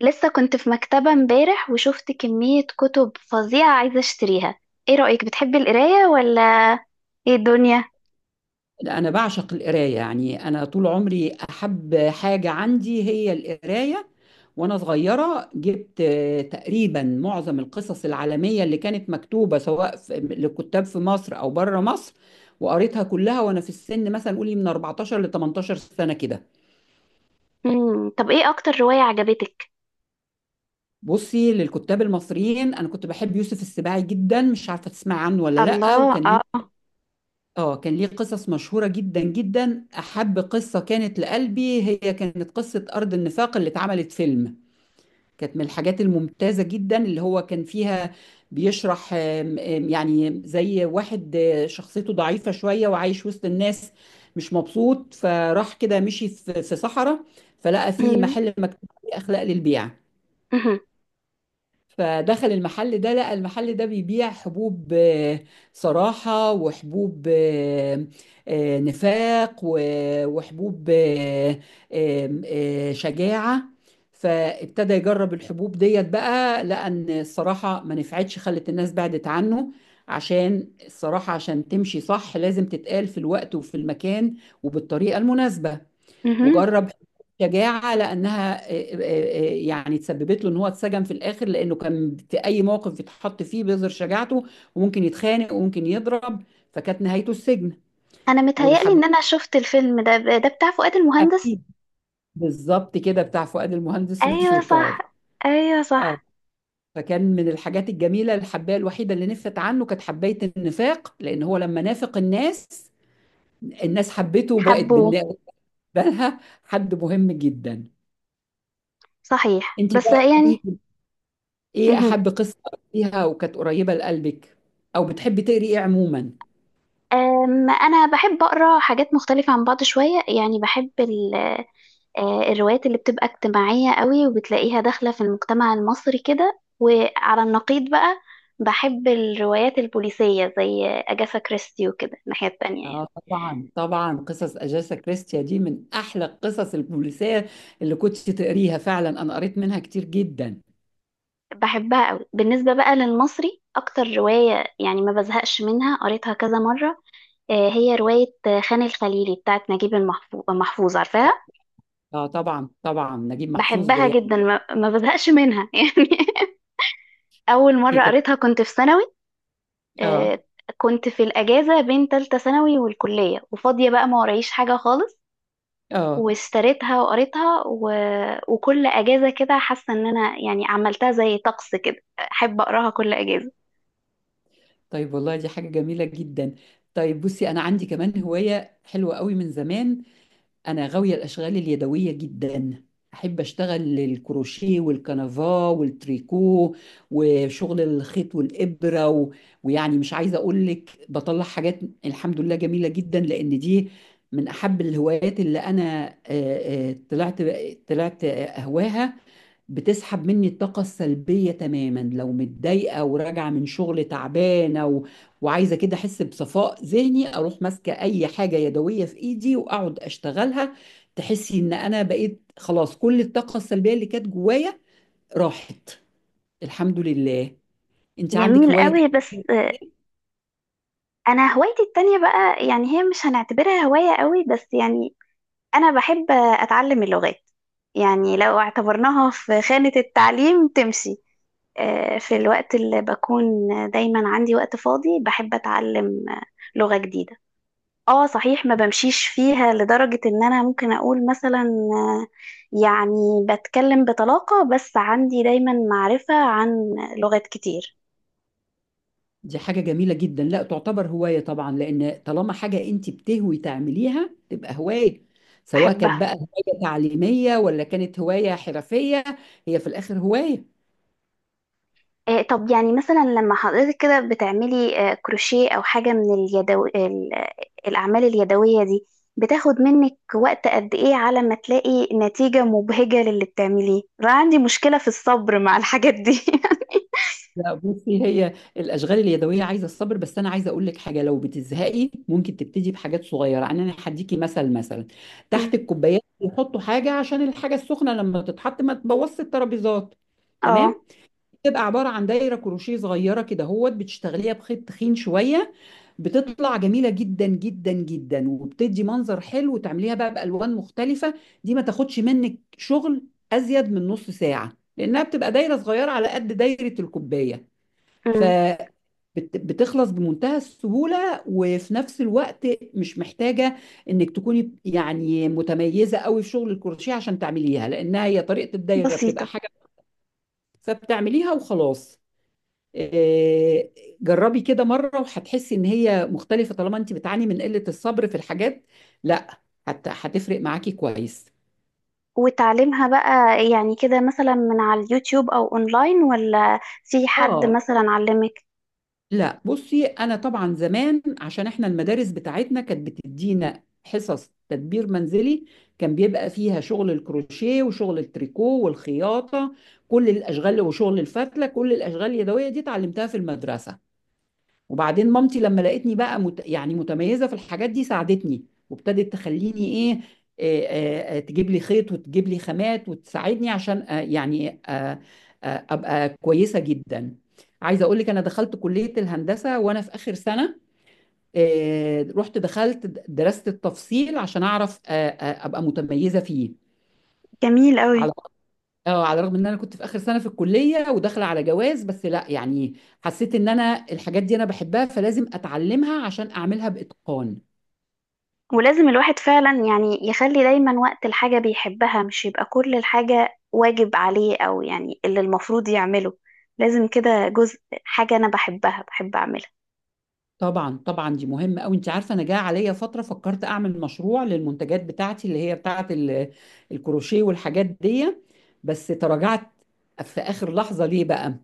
لسه كنت في مكتبة امبارح وشفت كمية كتب فظيعة عايزة اشتريها. ايه رأيك، بتحبي القراية ولا ايه الدنيا؟ لا، أنا بعشق القراية، يعني أنا طول عمري أحب حاجة عندي هي القراية. وأنا صغيرة جبت تقريبا معظم القصص العالمية اللي كانت مكتوبة سواء لكتاب في مصر أو بره مصر، وقريتها كلها وأنا في السن مثلا، قولي من 14 ل 18 سنة كده. مم. طب ايه اكتر رواية عجبتك؟ بصي، للكتاب المصريين أنا كنت بحب يوسف السباعي جدا. مش عارفة تسمعي عنه ولا لأ؟ الله، وكان ليه، اه. اه كان ليه قصص مشهورة جدا جدا. أحب قصة كانت لقلبي هي كانت قصة أرض النفاق، اللي اتعملت فيلم. كانت من الحاجات الممتازة جدا اللي هو كان فيها. بيشرح آم، آم، يعني زي واحد، شخصيته ضعيفة شوية وعايش وسط الناس، مش مبسوط، فراح كده مشي في صحراء، فلقى فيه مم. محل مكتوب عليه أخلاق للبيع. مهم. فدخل المحل ده، لقى المحل ده بيبيع حبوب صراحة، وحبوب نفاق، وحبوب آه، آم، آه، شجاعة. فابتدى يجرب الحبوب ديت بقى، لقى ان الصراحة ما نفعتش، خلت الناس بعدت عنه. عشان الصراحة عشان تمشي صح لازم تتقال في الوقت وفي المكان وبالطريقة المناسبة. مهم. وجرب شجاعة، لأنها يعني تسببت له إن هو اتسجن في الآخر، لأنه كان في أي موقف يتحط فيه بيظهر شجاعته، وممكن يتخانق وممكن يضرب، فكانت نهايته السجن. انا متهيألي والحب، ان انا شفت الفيلم ده بتاع فؤاد المهندس. أكيد. بالظبط كده، بتاع فؤاد المهندس ايوه صح. وشويكار. ايوه اه. صح. فكان من الحاجات الجميلة، الحباية الوحيدة اللي نفت عنه كانت حباية النفاق، لأن هو لما نافق الناس، الناس حبته وبقت حبوه. بالنسبة لها حد مهم جدا. صحيح، انت بس بقى، يعني. ايه مهم. احب قصه فيها وكانت قريبه لقلبك، او بتحبي تقري ايه عموما؟ انا بحب اقرا حاجات مختلفة عن بعض شوية، يعني بحب الروايات اللي بتبقى اجتماعية قوي وبتلاقيها داخلة في المجتمع المصري كده، وعلى النقيض بقى بحب الروايات البوليسية زي أجاثا كريستي وكده الناحية التانية يعني. اه طبعا طبعا، قصص اجاسا كريستيا دي من احلى القصص البوليسيه اللي كنت تقريها، فعلا انا قريت منها كتير جدا. بحبها قوي. بالنسبة بقى للمصري، أكتر رواية يعني ما بزهقش منها قريتها كذا مرة هي رواية خان الخليلي بتاعت نجيب محفوظ، عارفاها. اه طبعا طبعا، نجيب محفوظ زي بحبها يعني جدا، ما بزهقش منها يعني. أول مرة كتاب. قريتها كنت في ثانوي. اه. آه، كنت في الأجازة بين تالتة ثانوي والكلية، وفاضية بقى، ما ورايش حاجة خالص، اه واشتريتها وقريتها و... وكل أجازة كده حاسة إن أنا يعني عملتها زي طقس كده. أحب أقراها كل أجازة. طيب والله، دي حاجه جميله جدا. طيب بصي، انا عندي كمان هوايه حلوه قوي من زمان. أنا غاوية الأشغال اليدوية جدا، أحب أشتغل الكروشيه والكنفا والتريكو وشغل الخيط والإبرة، و... ويعني مش عايزة أقول لك، بطلع حاجات الحمد لله جميلة جدا، لأن دي من أحب الهوايات اللي أنا طلعت أهواها. بتسحب مني الطاقة السلبية تماما، لو متضايقة وراجعة من شغل تعبانة و... وعايزة كده أحس بصفاء ذهني، أروح ماسكة أي حاجة يدوية في إيدي وأقعد أشتغلها، تحسي إن أنا بقيت خلاص كل الطاقة السلبية اللي كانت جوايا راحت، الحمد لله. أنت عندك جميل هواية تانية، قوي، بس أنا هوايتي التانية بقى يعني هي مش هنعتبرها هواية قوي، بس يعني أنا بحب أتعلم اللغات. يعني لو اعتبرناها في خانة التعليم تمشي. في الوقت اللي بكون دايما عندي وقت فاضي، بحب أتعلم لغة جديدة. اه صحيح، ما بمشيش فيها لدرجة ان انا ممكن اقول مثلا آه، يعني بتكلم بطلاقة، بس عندي دايما معرفة عن لغات كتير دي حاجة جميلة جدا، لا تعتبر هواية طبعا، لأن طالما حاجة أنت بتهوي تعمليها تبقى هواية، سواء كانت بحبها. بقى هواية تعليمية ولا كانت هواية حرفية، هي في الآخر هواية. طب يعني مثلا لما حضرتك كده بتعملي كروشيه او حاجه من الاعمال اليدويه دي، بتاخد منك وقت قد ايه على ما تلاقي نتيجه مبهجه للي بتعمليه؟ انا عندي مشكله في الصبر مع الحاجات دي لا بصي، هي الاشغال اليدويه عايزه الصبر، بس انا عايزه اقول لك حاجه، لو بتزهقي ممكن تبتدي بحاجات صغيره، يعني انا هديكي مثل، مثلا أمم. تحت الكوبايات بيحطوا حاجه عشان الحاجه السخنه لما تتحط ما تبوظش الترابيزات، اه. تمام؟ بتبقى عباره عن دايره كروشيه صغيره كده هوت، بتشتغليها بخيط تخين شويه، بتطلع جميله جدا جدا جدا وبتدي منظر حلو، وتعمليها بقى بالوان مختلفه. دي ما تاخدش منك شغل ازيد من نص ساعه، لانها بتبقى دايره صغيره على قد دايره الكوبايه، أمم. فبتخلص بمنتهى السهولة. وفي نفس الوقت مش محتاجة انك تكوني يعني متميزة قوي في شغل الكروشيه عشان تعمليها، لانها هي طريقة الدايرة بتبقى بسيطه. حاجة، فبتعمليها وخلاص. آه، جربي كده مرة وهتحسي ان هي مختلفة، طالما انت بتعاني من قلة الصبر في الحاجات. لا، هتفرق معاكي كويس. وتعليمها بقى يعني كده مثلا من على اليوتيوب او اونلاين، ولا في حد اه مثلا علمك؟ لا بصي، انا طبعا زمان عشان احنا المدارس بتاعتنا كانت بتدينا حصص تدبير منزلي، كان بيبقى فيها شغل الكروشيه وشغل التريكو والخياطه، كل الاشغال، وشغل الفتله، كل الاشغال اليدويه دي اتعلمتها في المدرسه. وبعدين مامتي لما لقيتني بقى يعني متميزة في الحاجات دي، ساعدتني وابتدت تخليني ايه، آه، تجيب لي خيط وتجيب لي خامات وتساعدني عشان يعني ابقى كويسة جدا. عايزة اقول لك، انا دخلت كلية الهندسة وانا في اخر سنة، رحت دخلت درست التفصيل عشان اعرف ابقى متميزة فيه، جميل على قوي. اه على الرغم ان انا كنت في اخر سنه في الكليه وداخله على جواز، بس لا يعني حسيت ان انا الحاجات دي انا بحبها فلازم اتعلمها عشان اعملها باتقان. ولازم الواحد فعلا يعني يخلي دايما وقت الحاجة بيحبها، مش يبقى كل الحاجة واجب عليه أو يعني اللي المفروض يعمله. لازم كده جزء، حاجة أنا بحبها بحب أعملها. طبعا طبعا، دي مهمه قوي. انت عارفه، انا جه عليا فتره فكرت اعمل مشروع للمنتجات بتاعتي اللي هي بتاعه الكروشيه والحاجات دي، بس تراجعت في اخر لحظه. ليه بقى؟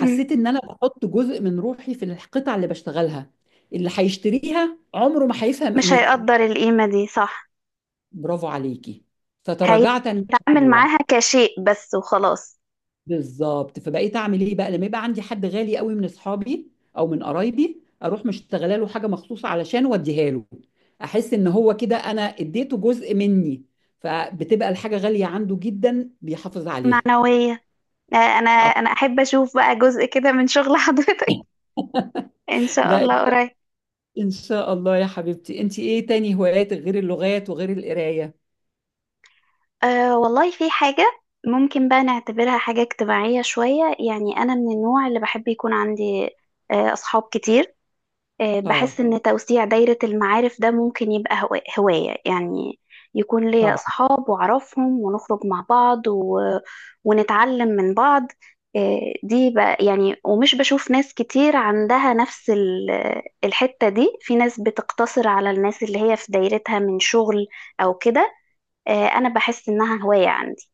مم. ان انا بحط جزء من روحي في القطع اللي بشتغلها، اللي هيشتريها عمره ما هيفهم مش قيمتها. هيقدر القيمة دي، صح. برافو عليكي. فتراجعت عن هيتعامل الموضوع. معاها كشيء بس وخلاص. بالظبط، فبقيت اعمل ايه بقى؟ لما يبقى عندي حد غالي قوي من اصحابي او من قرايبي، اروح مشتغله له حاجه مخصوصه علشان اوديها له، احس ان هو كده انا اديته جزء مني، فبتبقى الحاجه غاليه عنده جدا بيحافظ عليها. معنوية. أنا آه، أنا أحب أشوف بقى جزء كده من شغل حضرتك. إن شاء لا ان الله شاء قريب. إن شاء الله يا حبيبتي. انت ايه تاني هوايات غير اللغات وغير القرايه؟ أه والله، في حاجة ممكن بقى نعتبرها حاجة اجتماعية شوية. يعني أنا من النوع اللي بحب يكون عندي أصحاب كتير. أه بحس اه إن توسيع دايرة المعارف ده ممكن يبقى هواية يعني. يكون ليا أصحاب وأعرفهم ونخرج مع بعض و... ونتعلم من بعض. أه دي بقى يعني. ومش بشوف ناس كتير عندها نفس الحتة دي. في ناس بتقتصر على الناس اللي هي في دايرتها من شغل أو كده. انا بحس انها هواية عندي.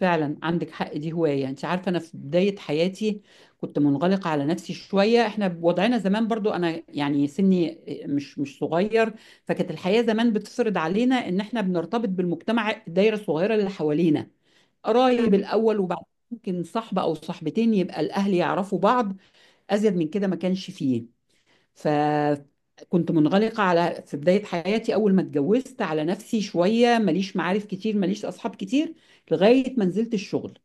فعلا عندك حق، دي هواية. انت عارفة انا في بداية حياتي كنت منغلقة على نفسي شوية، احنا بوضعنا زمان برضو، انا يعني سني مش صغير، فكانت الحياة زمان بتفرض علينا ان احنا بنرتبط بالمجتمع، الدايرة الصغيرة اللي حوالينا قرايب مم. الاول، وبعد ممكن صاحبة او صاحبتين يبقى الاهل يعرفوا بعض، ازيد من كده ما كانش فيه. فكنت منغلقة على، في بداية حياتي أول ما اتجوزت، على نفسي شوية، ماليش معارف كتير ماليش أصحاب كتير، لغاية ما نزلت الشغل،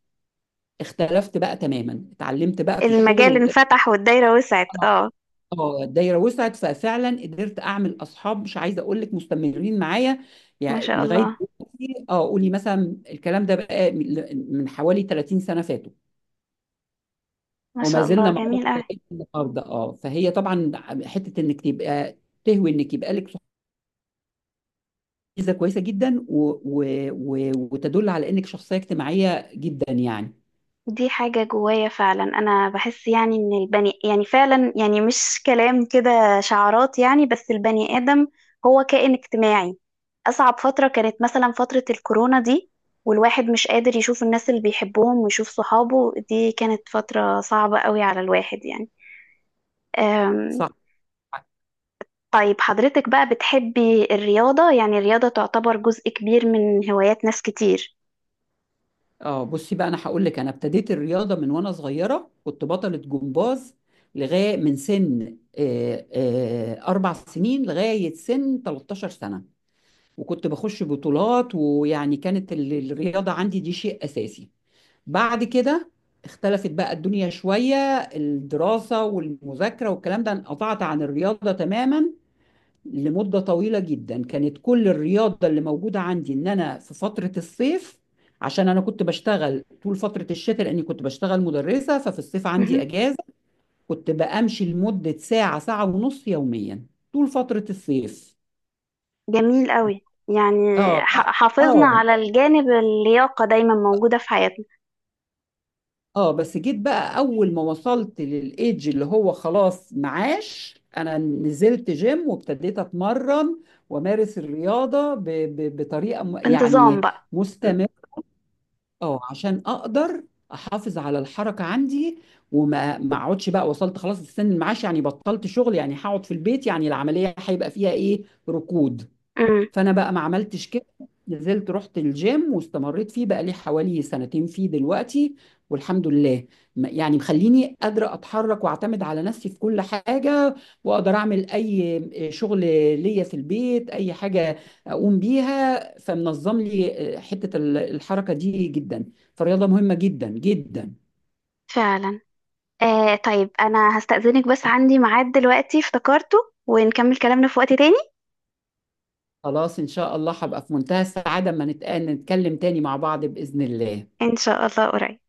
اختلفت بقى تماما، اتعلمت بقى في الشغل المجال انفتح والدايرة وسعت، اه. اه الدايره وسعت، ففعلا قدرت اعمل اصحاب مش عايزه اقول لك مستمرين معايا، ما يعني شاء لغايه الله. دلوقتي. اه، قولي مثلا الكلام ده بقى من حوالي 30 سنه فاتوا، ما وما شاء زلنا الله، مع بعض جميل أوي. لغايه النهارده. اه فهي طبعا، حته انك تبقى تهوي انك يبقى لك صحاب ميزه كويسه جدا، و... و... و... وتدل على انك شخصيه اجتماعيه جدا يعني. دي حاجة جوايا فعلا. انا بحس يعني ان البني يعني فعلا يعني مش كلام كده شعارات يعني، بس البني آدم هو كائن اجتماعي. اصعب فترة كانت مثلا فترة الكورونا دي، والواحد مش قادر يشوف الناس اللي بيحبهم ويشوف صحابه. دي كانت فترة صعبة قوي على الواحد يعني. صح. طيب حضرتك بقى بتحبي الرياضة؟ يعني الرياضة تعتبر جزء كبير من هوايات ناس كتير. اه بصي بقى، انا هقول لك، انا ابتديت الرياضه من وانا صغيره، كنت بطله جمباز لغايه من سن اربع سنين لغايه سن 13 سنه، وكنت بخش بطولات، ويعني كانت الرياضه عندي دي شيء اساسي. بعد كده اختلفت بقى الدنيا شويه، الدراسه والمذاكره والكلام ده، انقطعت عن الرياضه تماما لمدة طويلة جدا. كانت كل الرياضة اللي موجودة عندي إن أنا في فترة الصيف، عشان أنا كنت بشتغل طول فترة الشتاء، لأني كنت بشتغل مدرسة ففي الصيف عندي مهم. أجازة، كنت بأمشي لمدة ساعة ساعة ونص يوميا طول فترة الصيف. جميل قوي يعني. اه. حافظنا اه. على الجانب، اللياقة دايما موجودة في حياتنا. اه بس جيت بقى أول ما وصلت للإيدج اللي هو خلاص معاش، أنا نزلت جيم وابتديت أتمرن وأمارس الرياضة بطريقة بانتظام يعني بقى. م. مستمرة، اه عشان اقدر احافظ على الحركه عندي، وما ما اقعدش، بقى وصلت خلاص لسن المعاش يعني، بطلت شغل يعني، هقعد في البيت يعني، العمليه هيبقى فيها ايه، ركود. امم. فانا بقى ما عملتش كده، نزلت رحت الجيم واستمريت فيه بقى لي حوالي سنتين فيه دلوقتي، والحمد لله، يعني مخليني قادرة أتحرك وأعتمد على نفسي في كل حاجة، وأقدر أعمل أي شغل ليا في البيت، أي حاجة أقوم بيها، فمنظم لي حتة الحركة دي جدا، فالرياضة مهمة جدا جدا. فعلا. طيب أنا هستأذنك، بس عندي ميعاد دلوقتي افتكرته، ونكمل كلامنا في وقت تاني. خلاص إن شاء الله هبقى في منتهى السعادة أما نتكلم تاني مع بعض بإذن الله. إن شاء الله قريب.